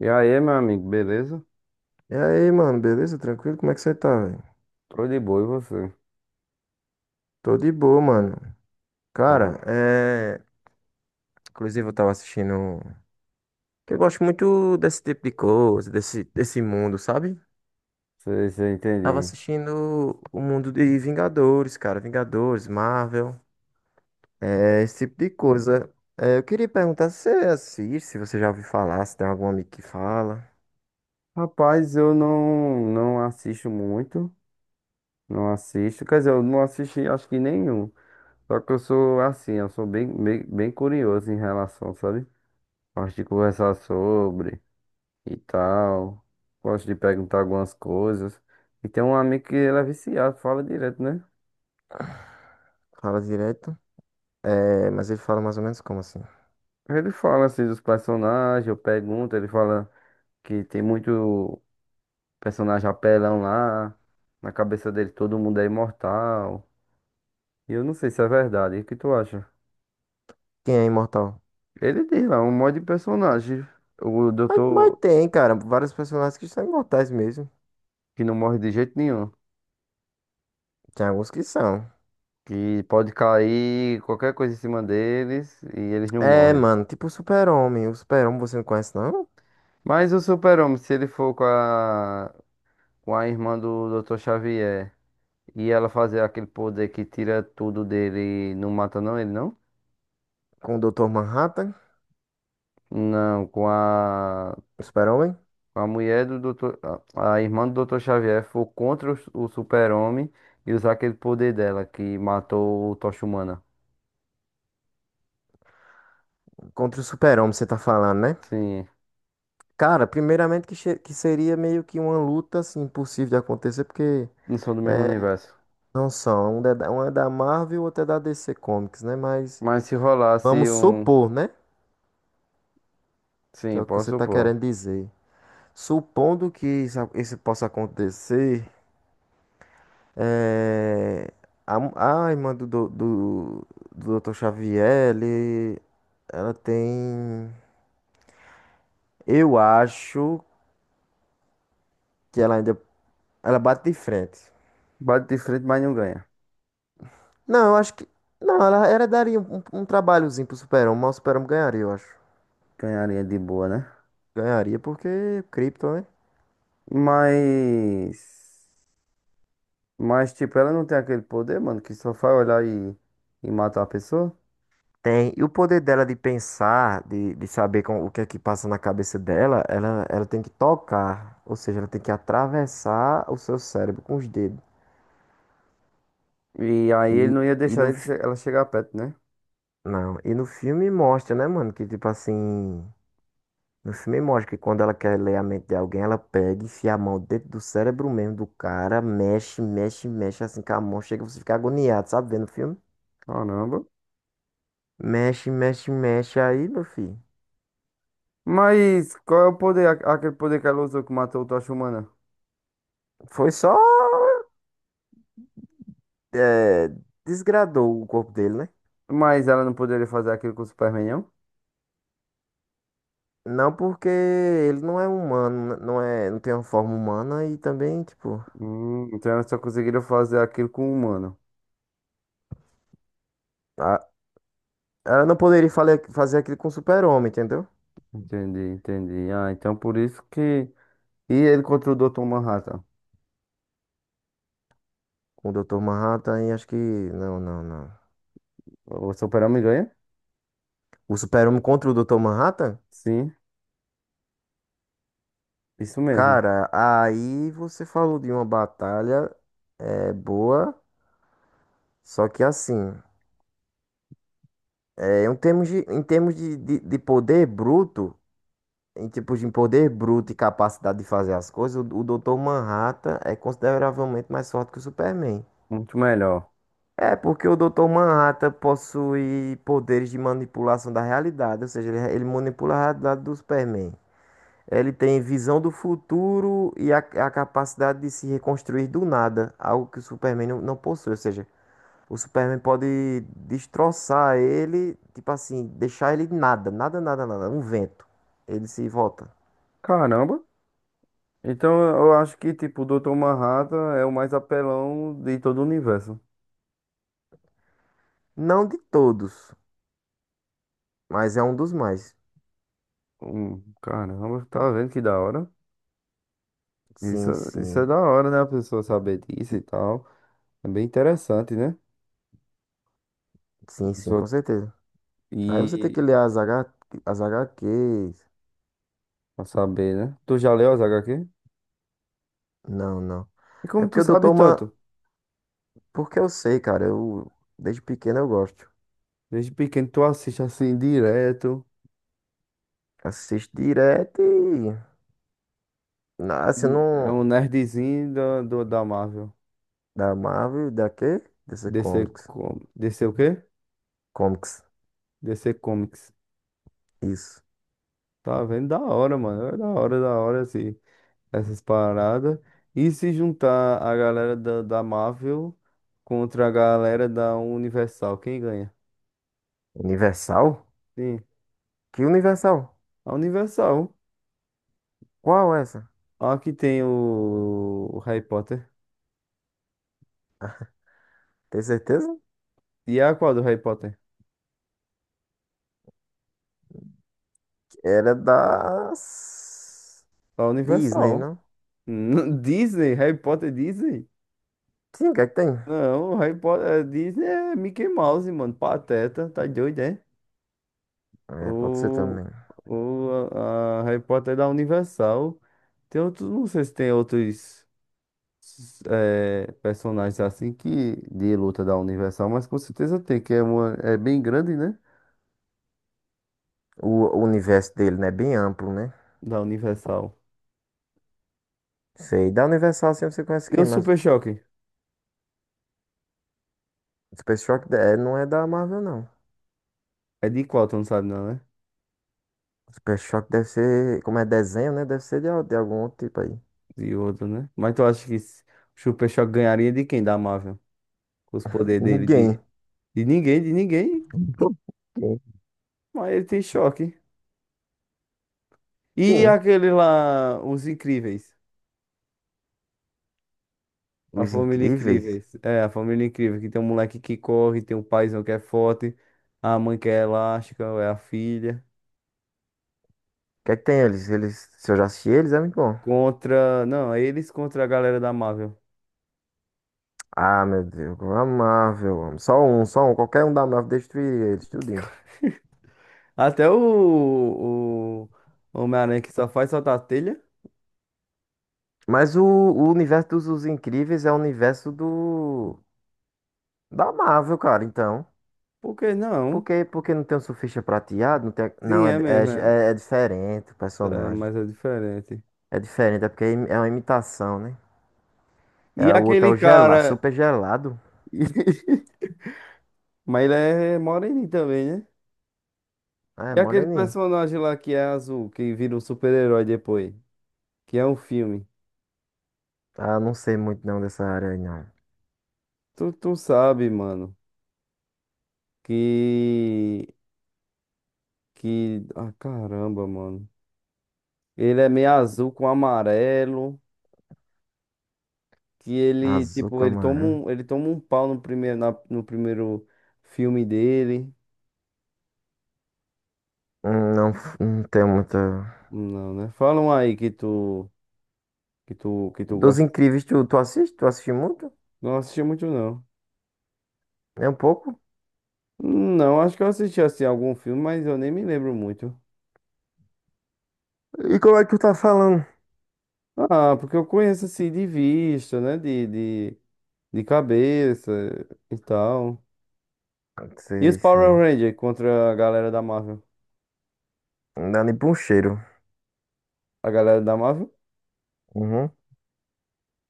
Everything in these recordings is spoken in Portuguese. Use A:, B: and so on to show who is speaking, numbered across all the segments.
A: E aí, meu amigo, beleza?
B: E aí, mano, beleza? Tranquilo? Como é que você tá, velho?
A: Tô de boa, e você?
B: Tô de boa, mano. Cara,
A: Ó,
B: é. Inclusive, eu tava assistindo. Que Eu gosto muito desse tipo de coisa, desse mundo, sabe?
A: sei, sei,
B: Tava
A: entendi.
B: assistindo o mundo de Vingadores, cara. Vingadores, Marvel, é, esse tipo de coisa. É, eu queria perguntar se você assiste, se você já ouviu falar, se tem algum amigo que fala,
A: Rapaz, eu não assisto muito, não assisto, quer dizer, eu não assisti acho que nenhum. Só que eu sou assim, eu sou bem, bem, bem curioso em relação, sabe? Gosto de conversar sobre e tal, gosto de perguntar algumas coisas. E tem um amigo que ele é viciado, fala direto, né?
B: fala direto. É, mas ele fala mais ou menos como assim?
A: Ele fala assim dos personagens, eu pergunto, ele fala que tem muito personagem apelão lá. Na cabeça dele todo mundo é imortal. E eu não sei se é verdade. E o que tu acha?
B: Quem é imortal?
A: Ele diz lá, um monte de personagem. O
B: Mas
A: doutor
B: tem, cara, vários personagens que são imortais mesmo.
A: que não morre de jeito nenhum.
B: Tem alguns que são.
A: Que pode cair qualquer coisa em cima deles e eles não
B: É,
A: morrem.
B: mano, tipo o Super-Homem. O Super-Homem você não conhece, não?
A: Mas o Super-Homem, se ele for com a irmã do Doutor Xavier e ela fazer aquele poder que tira tudo dele e não mata não ele, não?
B: Com o Dr. Manhattan,
A: Não, com a
B: o Super-Homem?
A: A mulher do doutor, a irmã do Doutor Xavier foi contra o Super-Homem e usar aquele poder dela que matou o Tocha Humana.
B: Contra o Super-Homem, você tá falando, né?
A: Sim,
B: Cara, primeiramente que seria meio que uma luta, assim, impossível de acontecer, porque
A: não são do mesmo
B: é,
A: universo.
B: não são. Um é da Marvel, outro é da DC Comics, né? Mas
A: Mas se rolasse
B: vamos
A: um.
B: supor, né? Que é
A: Sim,
B: o que
A: posso
B: você tá
A: supor.
B: querendo dizer. Supondo que isso possa acontecer, é, a irmã do Dr. Xavier, ele, ela tem. Eu acho que ela ainda. Ela bate de frente.
A: Bate de frente, mas não ganha.
B: Não, eu acho que. Não, ela daria um, um, um trabalhozinho pro Super-Homem, mas o Super-Homem ganharia, eu acho.
A: Ganharia de boa, né?
B: Ganharia porque Krypton, né?
A: Mas. Mas, tipo, ela não tem aquele poder, mano, que só faz olhar e matar a pessoa.
B: Tem. E o poder dela de pensar, de saber com, o que é que passa na cabeça dela, ela tem que tocar. Ou seja, ela tem que atravessar o seu cérebro com os dedos.
A: E aí
B: E,
A: ele não ia
B: e
A: deixar
B: no,
A: ela chegar perto, né?
B: Não. E no filme mostra, né, mano? Que tipo assim. No filme mostra que quando ela quer ler a mente de alguém, ela pega, e enfia a mão dentro do cérebro mesmo do cara, mexe, mexe, mexe, assim com a mão, chega você fica agoniado, sabe? Vendo o filme?
A: Caramba.
B: Mexe, mexe, mexe aí, meu filho.
A: Mas qual é o poder, aquele poder que ela usou que matou o Tocha Humana?
B: Foi só. É, desgradou o corpo dele, né?
A: Mas ela não poderia fazer aquilo com o Superman, não?
B: Não porque ele não é humano, não é, não tem uma forma humana e também, tipo,
A: Então ela só conseguiria fazer aquilo com o humano.
B: a- ela não poderia fazer aquilo com o Super-Homem, entendeu?
A: Entendi, entendi. Ah, então por isso que. E ele contra o Dr. Manhattan.
B: Com o Dr. Manhattan e acho que não, não, não.
A: O super ganha?
B: O Super-Homem contra o Dr. Manhattan?
A: Sim, isso mesmo.
B: Cara, aí você falou de uma batalha é boa, só que assim, é, em termos de, de poder bruto, em tipos de poder bruto e capacidade de fazer as coisas, o Dr. Manhattan é consideravelmente mais forte que o Superman.
A: Muito melhor.
B: É, porque o Dr. Manhattan possui poderes de manipulação da realidade, ou seja, ele manipula a realidade do Superman. Ele tem visão do futuro e a capacidade de se reconstruir do nada, algo que o Superman não, não possui. Ou seja, o Superman pode destroçar ele, tipo assim, deixar ele nada, nada, nada, nada, um vento. Ele se volta.
A: Caramba! Então eu acho que, tipo, o Dr. Manhattan é o mais apelão de todo o universo.
B: Não de todos, mas é um dos mais.
A: Caramba, tá vendo que da hora? Isso,
B: Sim,
A: isso é
B: sim.
A: da hora, né? A pessoa saber disso e tal. É bem interessante, né? A
B: Sim, sim,
A: pessoa
B: com certeza. Aí você tem que
A: e
B: ler as H HQs.
A: pra saber, né? Tu já leu as HQ?
B: Não, não.
A: E
B: É
A: como tu
B: porque o
A: sabe
B: Doutor Man.
A: tanto?
B: Porque eu sei, cara. Eu, desde pequeno eu gosto.
A: Desde pequeno tu assiste assim direto.
B: Assisto direto e. Assim,
A: É
B: não.
A: um nerdzinho da Marvel.
B: Da Marvel, e da quê? DC
A: DC,
B: Comics.
A: DC o quê?
B: Comics.
A: DC Comics.
B: Isso.
A: Tá vendo? Da hora, mano. É da hora, assim, essas paradas. E se juntar a galera da Marvel contra a galera da Universal, quem ganha?
B: Universal?
A: Sim,
B: Que Universal?
A: a Universal.
B: Qual é essa?
A: Aqui tem o Harry Potter.
B: Tem certeza?
A: E a qual do Harry Potter?
B: Era das.
A: A
B: Disney,
A: Universal.
B: não?
A: Disney, Harry Potter Disney?
B: Sim, o que é que tem?
A: Não, Harry Potter Disney é Mickey Mouse, mano. Pateta, tá doido, é?
B: É, pode ser
A: O,
B: também.
A: a Harry Potter é da Universal. Tem outros, não sei se tem outros personagens assim que de luta da Universal, mas com certeza tem, que é uma é bem grande, né?
B: O universo dele, né? É bem amplo, né?
A: Da Universal.
B: Sei. Da Universal, assim, você conhece
A: E
B: quem?
A: o
B: Mas
A: Super Choque?
B: Super Shock é, não é da Marvel, não.
A: É de qual? Tu não sabe não, né?
B: Super Shock deve ser. Como é desenho, né? Deve ser de, de algum outro tipo aí.
A: Yoda, né? Mas tu acha o Super Choque ganharia de quem da Marvel? Com os poderes dele
B: Ninguém.
A: de ninguém, de ninguém.
B: Ninguém.
A: Mas ele tem choque. E
B: Sim.
A: aquele lá, os Incríveis. A
B: Os
A: família
B: Incríveis? O
A: Incríveis. É, a família Incrível, que tem um moleque que corre, tem um paizão que é forte, a mãe que é elástica, é a filha.
B: que é que tem eles? Eles, se eu já assisti eles, é muito bom.
A: Contra. Não, é eles contra a galera da Marvel.
B: Ah, meu Deus, como é amável, eu amo. Só um, só um. Qualquer um da Marvel destruiria eles, tudinho.
A: Até o Homem-Aranha que só faz soltar a telha.
B: Mas o universo dos Os Incríveis é o universo do... Da Marvel, cara, então.
A: Por que não?
B: Por que não tem o Surfista Prateado? Não, tem,
A: Sim,
B: não é,
A: é
B: é,
A: mesmo. É,
B: é, é diferente o
A: é,
B: personagem.
A: mas é diferente.
B: É diferente, é porque é é uma imitação, né?
A: E
B: É, o outro é
A: aquele
B: o gelado,
A: cara.
B: super gelado.
A: Mas ele é moreninho também, né?
B: Ah, é,
A: E aquele
B: moreninho.
A: personagem lá que é azul, que vira um super-herói depois, que é um filme.
B: Ah, eu não sei muito não dessa área aí, não.
A: Tu sabe, mano, que. Que. Ah, caramba, mano. Ele é meio azul com amarelo. Que ele,
B: Azul
A: tipo,
B: com
A: ele toma
B: amarelo.
A: um, ele toma um pau no primeiro filme dele.
B: Não, não tenho muita.
A: Não, né? Falam aí que tu. Que tu
B: Dos
A: gosta.
B: Incríveis, tu, tu assiste? Tu assiste muito?
A: Não assisti muito, não.
B: É um pouco?
A: Não, acho que eu assisti assim algum filme, mas eu nem me lembro muito.
B: E como é que tu tá falando?
A: Ah, porque eu conheço assim de vista, né? De cabeça e tal. E os
B: Sei,
A: Power
B: sei.
A: Rangers contra a galera da Marvel?
B: Não dá nem pra um cheiro.
A: A galera da Marvel?
B: Uhum.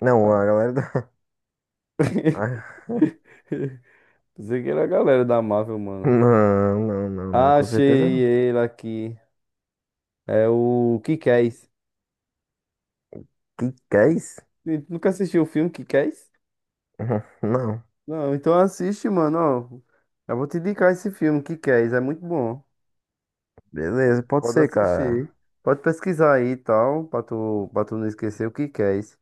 B: Não, a galera da. Ah,
A: Pensei que era a galera da Marvel, mano.
B: não, não, não, não, com
A: Achei
B: certeza não.
A: ele aqui. É o Kikés.
B: Que é isso?
A: Tu nunca assistiu o filme Kikés?
B: Uhum, não.
A: Não, então assiste, mano. Ó, eu vou te indicar esse filme, Kikés. É muito bom.
B: Beleza, pode
A: Pode
B: ser, cara.
A: assistir. Pode pesquisar aí e tal, pra tu não esquecer o que que é esse.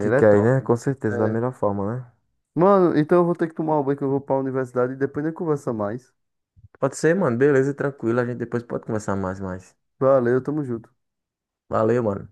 A: é
B: Que é, né?
A: top.
B: Com certeza, da
A: É.
B: melhor forma, né?
A: Mano, então eu vou ter que tomar um banho que eu vou pra universidade e depois a gente conversa mais.
B: Pode ser, mano. Beleza, tranquilo. A gente depois pode conversar mais.
A: Valeu, tamo junto.
B: Valeu, mano.